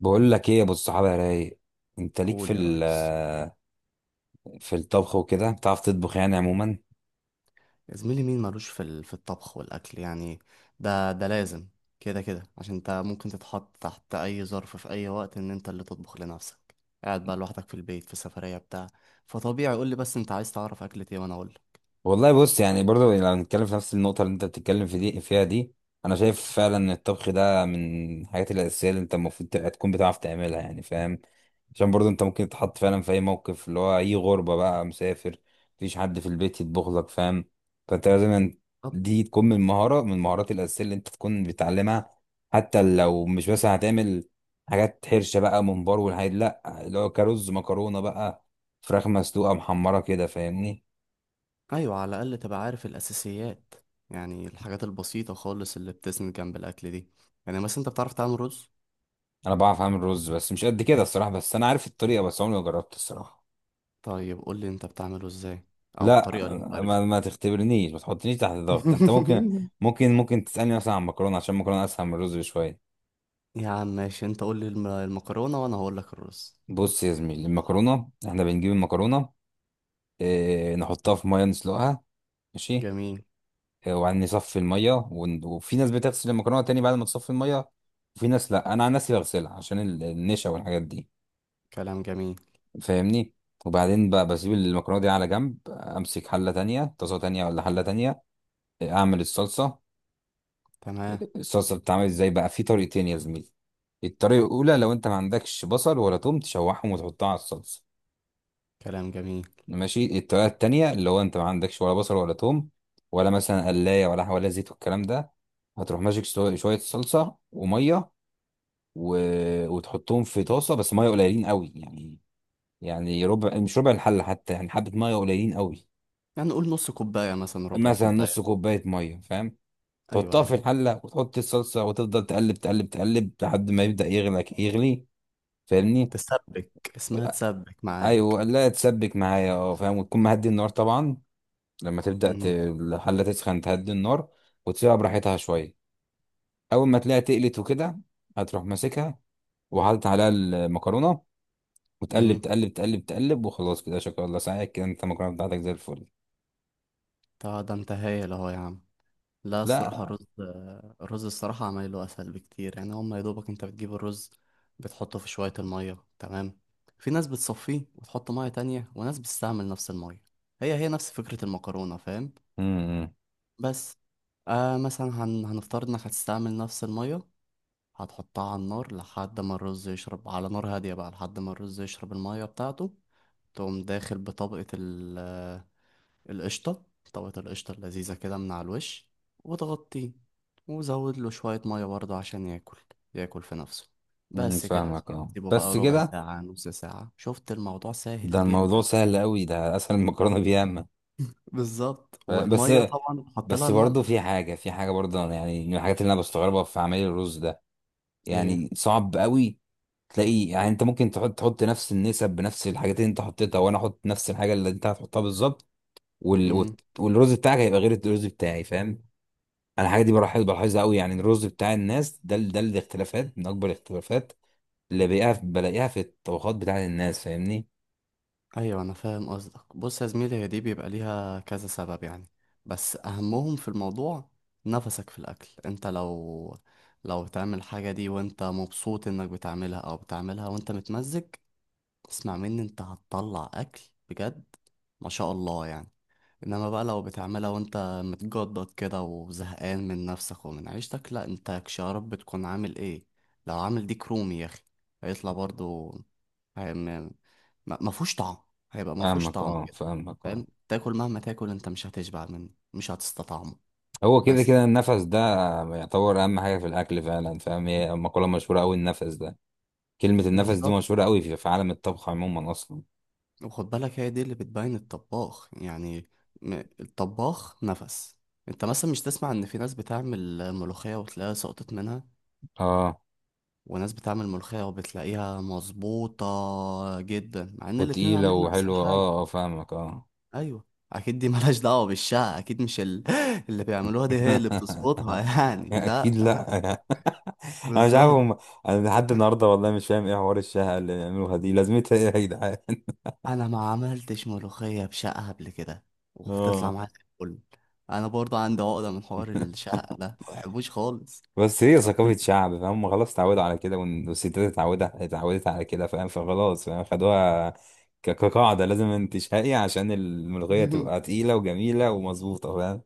بقول لك ايه يا ابو الصحابه يا رايق، انت ليك في قول يا ريس. في الطبخ وكده، بتعرف تطبخ يعني عموما؟ يا زميلي مين مالوش في الطبخ والأكل يعني. ده لازم، كده كده، عشان انت ممكن تتحط تحت أي ظرف في أي وقت إن انت اللي تطبخ لنفسك، قاعد بقى لوحدك في البيت، في سفرية بتاع. فطبيعي، قول لي بس انت عايز تعرف أكلة ايه وأنا أقول. والله بص، يعني برضو لو هنتكلم في نفس النقطة اللي انت بتتكلم في دي فيها دي، انا شايف فعلا ان الطبخ ده من الحاجات الاساسية اللي انت المفروض تبقى تكون بتعرف تعملها، يعني فاهم؟ عشان برضو انت ممكن تتحط فعلا في اي موقف، اللي هو اي غربة بقى، مسافر، مفيش حد في البيت يطبخ لك، فاهم؟ فانت لازم طب دي تكون من مهارة، من المهارات الاساسية اللي انت تكون بتعلمها. حتى لو مش مثلا هتعمل حاجات حرشة بقى، ممبار والحاجات، لا اللي هو كرز مكرونة بقى، فراخ مسلوقة محمرة كده، فاهمني؟ أيوة، على الأقل تبقى عارف الأساسيات، يعني الحاجات البسيطة خالص اللي بتسند جنب الأكل دي. يعني مثلا انت بتعرف تعمل رز؟ انا بعرف اعمل رز، بس مش قد كده الصراحه، بس انا عارف الطريقه، بس عمري ما جربت الصراحه. طيب قول لي انت بتعمله ازاي، أو لا. الطريقة اللي انت عارفها. ما تختبرنيش، ما تحطنيش تحت ضغط. انت ممكن. ممكن تسالني مثلا عن المكرونه، عشان المكرونه اسهل من الرز بشويه. يا عم ماشي، انت قول لي المكرونة وانا هقول لك الرز. بص يا زميلي، المكرونه احنا بنجيب المكرونه، اه نحطها في ميه، نسلقها، ماشي. جميل. اه وبعدين نصفي الميه، وفي ناس بتغسل المكرونه تاني بعد ما تصفي الميه، وفي ناس لا، انا عن نفسي بغسلها عشان النشا والحاجات دي، كلام جميل. فاهمني؟ وبعدين بقى بسيب المكرونه دي على جنب، امسك حله تانية، طاسه تانية، ولا حله تانية، اعمل الصلصه. تمام. الصلصه بتتعمل ازاي بقى؟ في طريقتين يا زميلي. الطريقه الاولى، لو انت ما عندكش بصل ولا توم، تشوحهم وتحطها على الصلصه، كلام جميل. ماشي. الطريقه التانية، اللي هو انت ما عندكش ولا بصل ولا توم، ولا مثلا قلايه، ولا زيت والكلام ده، هتروح ماسك شويه صلصه وميه و... وتحطهم في طاسه، بس ميه قليلين قوي يعني، يعني ربع، مش ربع الحله حتى، يعني حبه ميه قليلين قوي. يعني قول نص كوباية، مثلا ربع مثلا كوباية. نص كوبايه ميه، فاهم؟ ايوه، تحطها ايوه. في الحلة، وتحط الصلصة، وتفضل تقلب تقلب تقلب، لحد ما يبدأ يغلى يغلي، فاهمني؟ تسبك، اسمها تسبك معاك. ايوه، لا تسبك معايا، فاهم. وتكون مهدي النار طبعا، لما تبدأ امم. الحلة تسخن، تهدي النار وتسيبها براحتها شوية. اول ما تلاقيها تقلت وكده، هتروح ماسكها، وحاطط عليها المكرونة، وتقلب امم. تقلب تقلب تقلب، وخلاص كده شكرا الله ساعدك كده، انت المكرونة بتاعتك زي الفل. طب ده انت هايل اهو يا عم. لا الصراحة لا. الرز، الرز الصراحة عمايله اسهل بكتير، يعني هما يا دوبك انت بتجيب الرز، بتحطه في شوية المية، تمام. في ناس بتصفيه وتحط مية تانية، وناس بتستعمل نفس المية، هي هي نفس فكرة المكرونة، فاهم؟ امم. بس آه، مثلا هنفترض انك هتستعمل نفس المية، هتحطها على النار لحد ما الرز يشرب، على نار هادية بقى، لحد ما الرز يشرب المية بتاعته. تقوم داخل بطبقة ال... آه، القشطة، طبقة القشطة اللذيذة كده من على الوش، وتغطيه، وزود له شوية مية برضه عشان ياكل، ياكل في نفسه. بس كده يا فاهمك زميلي. اه، سيبه بقى بس ربع كده. ساعة، نص ساعة. شفت الموضوع ده سهل الموضوع جدا؟ سهل قوي، ده اسهل من المكرونة بياما. بالظبط، بس، والمية طبعا بحط لها بس برضه في الملح. حاجة في حاجة برضه، أنا يعني من الحاجات اللي أنا بستغربها في عمل الرز ده، ايه؟ يعني صعب قوي. تلاقي يعني أنت ممكن تحط نفس النسب بنفس الحاجات اللي أنت حطيتها، وأنا أحط نفس الحاجة اللي أنت هتحطها بالظبط، مم. والرز بتاعك هيبقى غير الرز بتاعي، فاهم؟ أنا الحاجة دي بلاحظها قوي، يعني الرز بتاع الناس ده، ده الاختلافات من أكبر الاختلافات اللي بلاقيها في الطبخات بتاعت الناس، فاهمني؟ ايوه انا فاهم قصدك. بص يا زميلي، هي دي بيبقى ليها كذا سبب يعني، بس اهمهم في الموضوع نفسك في الاكل. انت لو لو تعمل حاجه دي وانت مبسوط انك بتعملها، او بتعملها وانت متمزج، اسمع مني، انت هتطلع اكل بجد، ما شاء الله يعني. انما بقى لو بتعملها وانت متجدد كده وزهقان من نفسك ومن عيشتك، لا انت كشرب بتكون عامل ايه؟ لو عامل ديك رومي يا اخي هيطلع برضو هي- ما ما فيهوش طعم، هيبقى ما فيهوش فاهمك طعم أه، كده. فاهمك أه. فاهم؟ تاكل، مهما تاكل انت مش هتشبع منه، مش هتستطعمه. هو كده بس كده النفس ده يعتبر أهم حاجة في الأكل فعلا، فاهم؟ هي مقولة مشهورة أوي، النفس ده، كلمة النفس دي بالظبط. مشهورة قوي في عالم الطبخ عموما أصلا. وخد بالك، هي دي اللي بتبين الطباخ يعني، الطباخ نفس. انت مثلا مش تسمع ان في ناس بتعمل ملوخية وتلاقيها سقطت منها، اه، وناس بتعمل ملوخية وبتلاقيها مظبوطة جدا، مع ان الاتنين وتقيلة عاملين نفس وحلوة، الحاجة؟ اه اه، فاهمك اه. ايوه. اكيد دي ملهاش دعوة بالشقة، اكيد مش ال... اللي بيعملوها دي هي اللي بتظبطها، يعني أكيد لا. لأ. أنا مش عارف بالظبط. هم. أنا لحد النهاردة والله مش فاهم إيه حوار الشهقة اللي بيعملوها دي؟ لازمتها إيه يا جدعان؟ انا ما عملتش ملوخية بشقة قبل كده، وبتطلع اه معايا زي الفل. انا برضه عندي عقدة من حوار الشقة ده، ما بحبوش خالص. بس هي ثقافة شعب فهم، خلاص اتعودوا على كده، والستات اتعودت على كده، فاهم؟ فخلاص فاهم، خدوها كقاعدة، لازم انت شهقي عشان الملوخية تبقى تقيلة وجميلة ومظبوطة، فاهم؟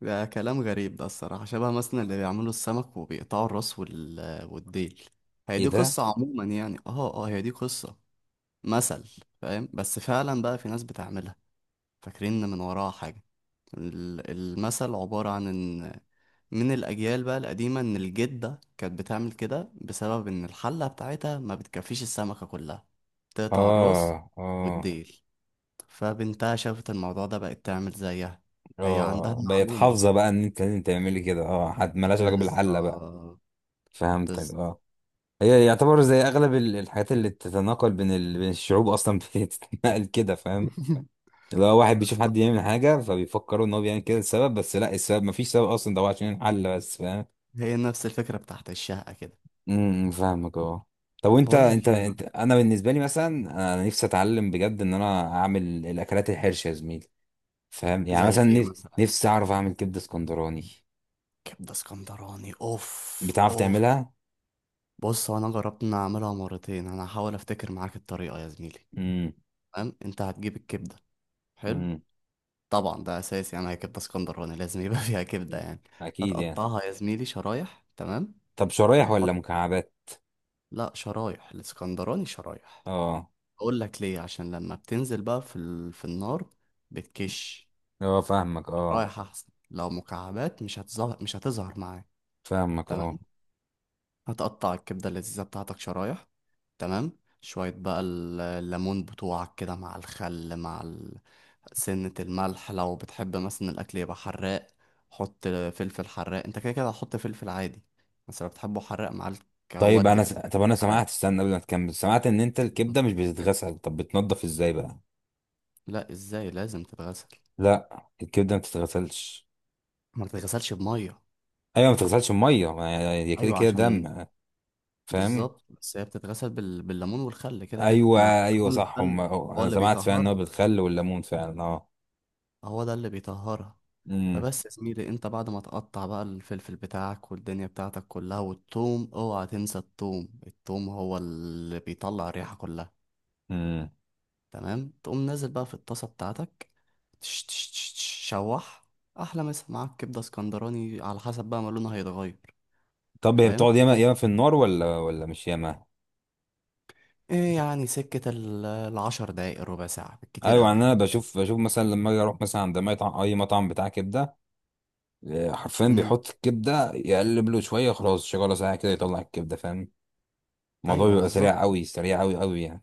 ده كلام غريب ده الصراحة، شبه مثلا اللي بيعملوا السمك وبيقطعوا الراس والديل. هي ايه دي ده؟ قصة عموما يعني. اه اه، هي دي قصة مثل، فاهم؟ بس فعلا بقى في ناس بتعملها فاكرين إن من وراها حاجة. المثل عبارة عن ان من الأجيال بقى القديمة ان الجدة كانت بتعمل كده بسبب ان الحلة بتاعتها ما بتكفيش السمكة كلها، بتقطع الراس اه، اه، والديل، فبنتها شافت الموضوع ده بقت تعمل زيها، هي عندها اه، بقت المعلومة. حافظه بقى ان انت لازم تعملي كده، اه، حد ملهاش علاقه بالحله بقى. بالظبط. فهمتك اه. بالظبط. هي يعتبر زي اغلب الحاجات اللي بتتناقل بين بين الشعوب اصلا، بتتنقل كده، فاهم؟ اللي هو واحد بيشوف حد بالظبط. يعمل حاجه فبيفكروا ان هو بيعمل كده السبب، بس لا، السبب مفيش سبب اصلا، ده هو عشان الحل بس، فاهم؟ هي نفس الفكرة بتاعت الشقة كده. امم، فاهمك اه. طب، وانت بقول انت لك ايه بقى. انت انا بالنسبه لي مثلا، انا نفسي اتعلم بجد ان انا اعمل الاكلات الحرشه يا زميلي، فاهم؟ يعني زي مثلا ايه مثلا؟ نفسي اعرف اعمل كبده اسكندراني. كبدة اسكندراني، اوف بتعرف اوف. تعملها؟ بص هو انا جربت ان اعملها مرتين، انا هحاول افتكر معاك الطريقة يا زميلي. تمام، انت هتجيب الكبدة. حلو. امم. طبعا ده اساسي يعني، هي كبدة اسكندراني لازم يبقى فيها كبدة يعني. اكيد يعني. هتقطعها يا زميلي شرايح، تمام. طب شرايح ولا وتحط، مكعبات؟ لا شرايح، الاسكندراني شرايح. اه. اقول لك ليه، عشان لما بتنزل بقى في النار بتكش، اه، فاهمك اه، رايح احسن. لو مكعبات مش هتظهر، مش هتظهر معاك. فاهمك تمام. اه. هتقطع الكبده اللذيذه بتاعتك شرايح، تمام. شويه بقى الليمون بتوعك كده، مع الخل، مع ال... سنه الملح. لو بتحب مثلا الاكل يبقى حراق، حط فلفل حراق. انت كده كده هتحط فلفل عادي، بس لو بتحبه حراق معاك طيب ودي انا فلفل طب انا سمعت، حراق. استنى قبل ما تكمل، سمعت ان انت الكبده مش بتتغسل، طب بتنضف ازاي بقى؟ لا ازاي، لازم تتغسل. لا الكبده ما بتتغسلش. ما تتغسلش بميه؟ ايوه ما بتتغسلش بميه. ما هي هي كده ايوه كده عشان. دم، فاهم؟ بالظبط، بس هي بتتغسل بالليمون والخل كده كده، ايوه. مع ايوه الليمون صح، هم، والخل، أه، هو انا اللي سمعت فعلا ان هو بيطهرها، بالخل والليمون فعلا اه. هو ده اللي بيطهرها. امم. فبس يا زميلي، انت بعد ما تقطع بقى الفلفل بتاعك والدنيا بتاعتك كلها، والثوم، اوعى تنسى الثوم، الثوم هو اللي بيطلع الريحة كلها، امم. تمام. تقوم نازل بقى في الطاسة بتاعتك، تش تش تش تش، شوح، احلى مسا معاك كبدة اسكندراني، على حسب بقى ما لونها هيتغير. طب هي فاهم؟ بتقعد ياما ياما في النار؟ ولا ولا مش ياما؟ ايه يعني، سكة العشر دقايق، ربع ساعة بالكتير ايوه، قوي يعني انا يعني. بشوف مثلا لما اجي اروح مثلا عند مطعم، اي مطعم بتاع كبده، حرفيا بيحط الكبده يقلب له شويه، خلاص شغاله ساعه كده يطلع الكبده، فاهم؟ الموضوع ايوه بيبقى سريع بالظبط. قوي، سريع قوي قوي يعني.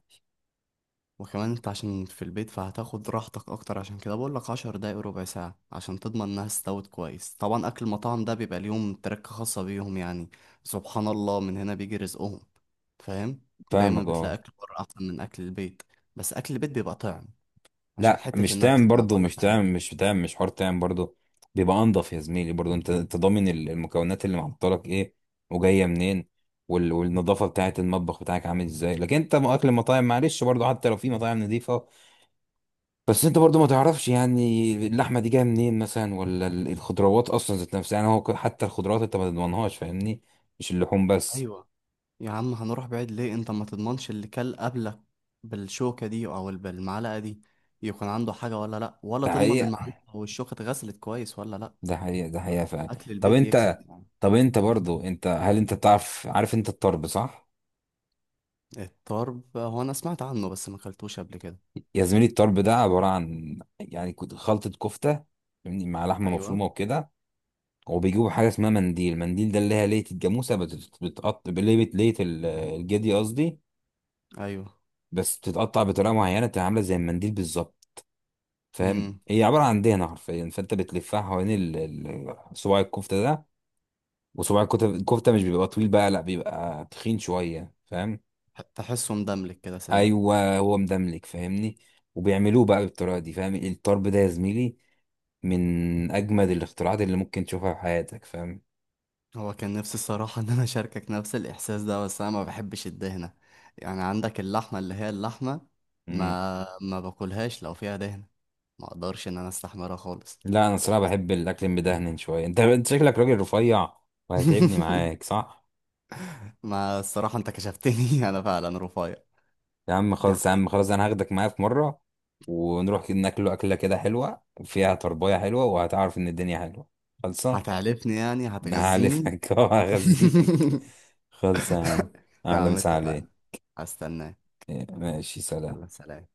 وكمان انت عشان في البيت فهتاخد راحتك اكتر، عشان كده بقول لك 10 دقايق ربع ساعه عشان تضمن انها استوت كويس. طبعا اكل المطاعم ده بيبقى ليهم تركه خاصه بيهم يعني، سبحان الله من هنا بيجي رزقهم. فاهم؟ دايما فاهمك بتلاقي اه. اكل بره احسن من اكل البيت، بس اكل البيت بيبقى طعم، عشان لا حته مش تام النفس اللي انا برضو، بقول مش لك عليها. تام، مش تام، مش حوار تام برضو. بيبقى انضف يا زميلي برضو، انت، انت ضامن المكونات اللي محطلك ايه، وجايه منين، والنظافه بتاعه المطبخ بتاعك عامل ازاي. لكن انت اكل المطاعم معلش برضو، حتى لو في مطاعم نظيفه، بس انت برضو ما تعرفش يعني اللحمه دي جايه منين مثلا، ولا الخضروات اصلا ذات نفسها. يعني هو حتى الخضروات انت ما تضمنهاش، فاهمني؟ مش اللحوم بس. ايوه. يا عم هنروح بعيد ليه، انت ما تضمنش اللي كل قبلك بالشوكه دي او بالمعلقه دي، يكون عنده حاجه ولا لا، ولا ده تضمن حقيقه. المعلقه والشوكه اتغسلت كويس ولا لا. ده حقيقه. ده حقيقه فعلا. اكل طب البيت يكسب انت، يعني. برضو انت، هل انت بتعرف عارف انت الطرب صح؟ الطرب، هو انا سمعت عنه بس ما اكلتوش قبل كده. يا زميلي، الطرب ده عباره عن يعني خلطه كفته، فاهمني؟ مع لحمه ايوه، مفرومه وكده. وبيجيبوا حاجه اسمها منديل، منديل ده اللي هي ليه الجاموسه بتتقطع، ليه الجدي قصدي، ايوه. بس بتتقطع بطريقه معينه تبقى عامله زي المنديل بالظبط، فاهم؟ امم. هي عباره عن دهنه حرفيا، فانت بتلفها حوالين صباع الكفته ده. وصباع الكفته، الكفته مش بيبقى طويل بقى، لا بيبقى تخين شويه، فاهم؟ تحسه مدملك كده سنه. ايوه، هو مدملك فاهمني. وبيعملوه بقى بالطريقه دي، فاهم؟ الطرب ده يا زميلي من اجمد الاختراعات اللي ممكن تشوفها في حياتك، فاهم؟ هو كان نفسي الصراحه ان انا اشاركك نفس الاحساس ده، بس انا ما بحبش الدهنه، يعني عندك اللحمه اللي هي اللحمه، مم. ما باكلهاش لو فيها دهنه، ما اقدرش ان انا استحملها خالص. لا انا صراحه بحب الاكل المدهن شويه، انت، انت شكلك راجل رفيع، وهتعبني معاك صح؟ ما الصراحه انت كشفتني، انا فعلا رفيع. يا عم دي خلاص، يا حقيقة. عم خلاص، انا هاخدك معايا في مره، ونروح كده ناكله اكله كده حلوه، فيها طربايه حلوه، وهتعرف ان الدنيا حلوه، خلصه. هتعلفني يعني انا هتغذيني. هعلفك وهغذيك. خلصه يا عم. يا اهلا، عم مسا عليك. اتفقنا، هستناك. ماشي، سلام. يلا سلام.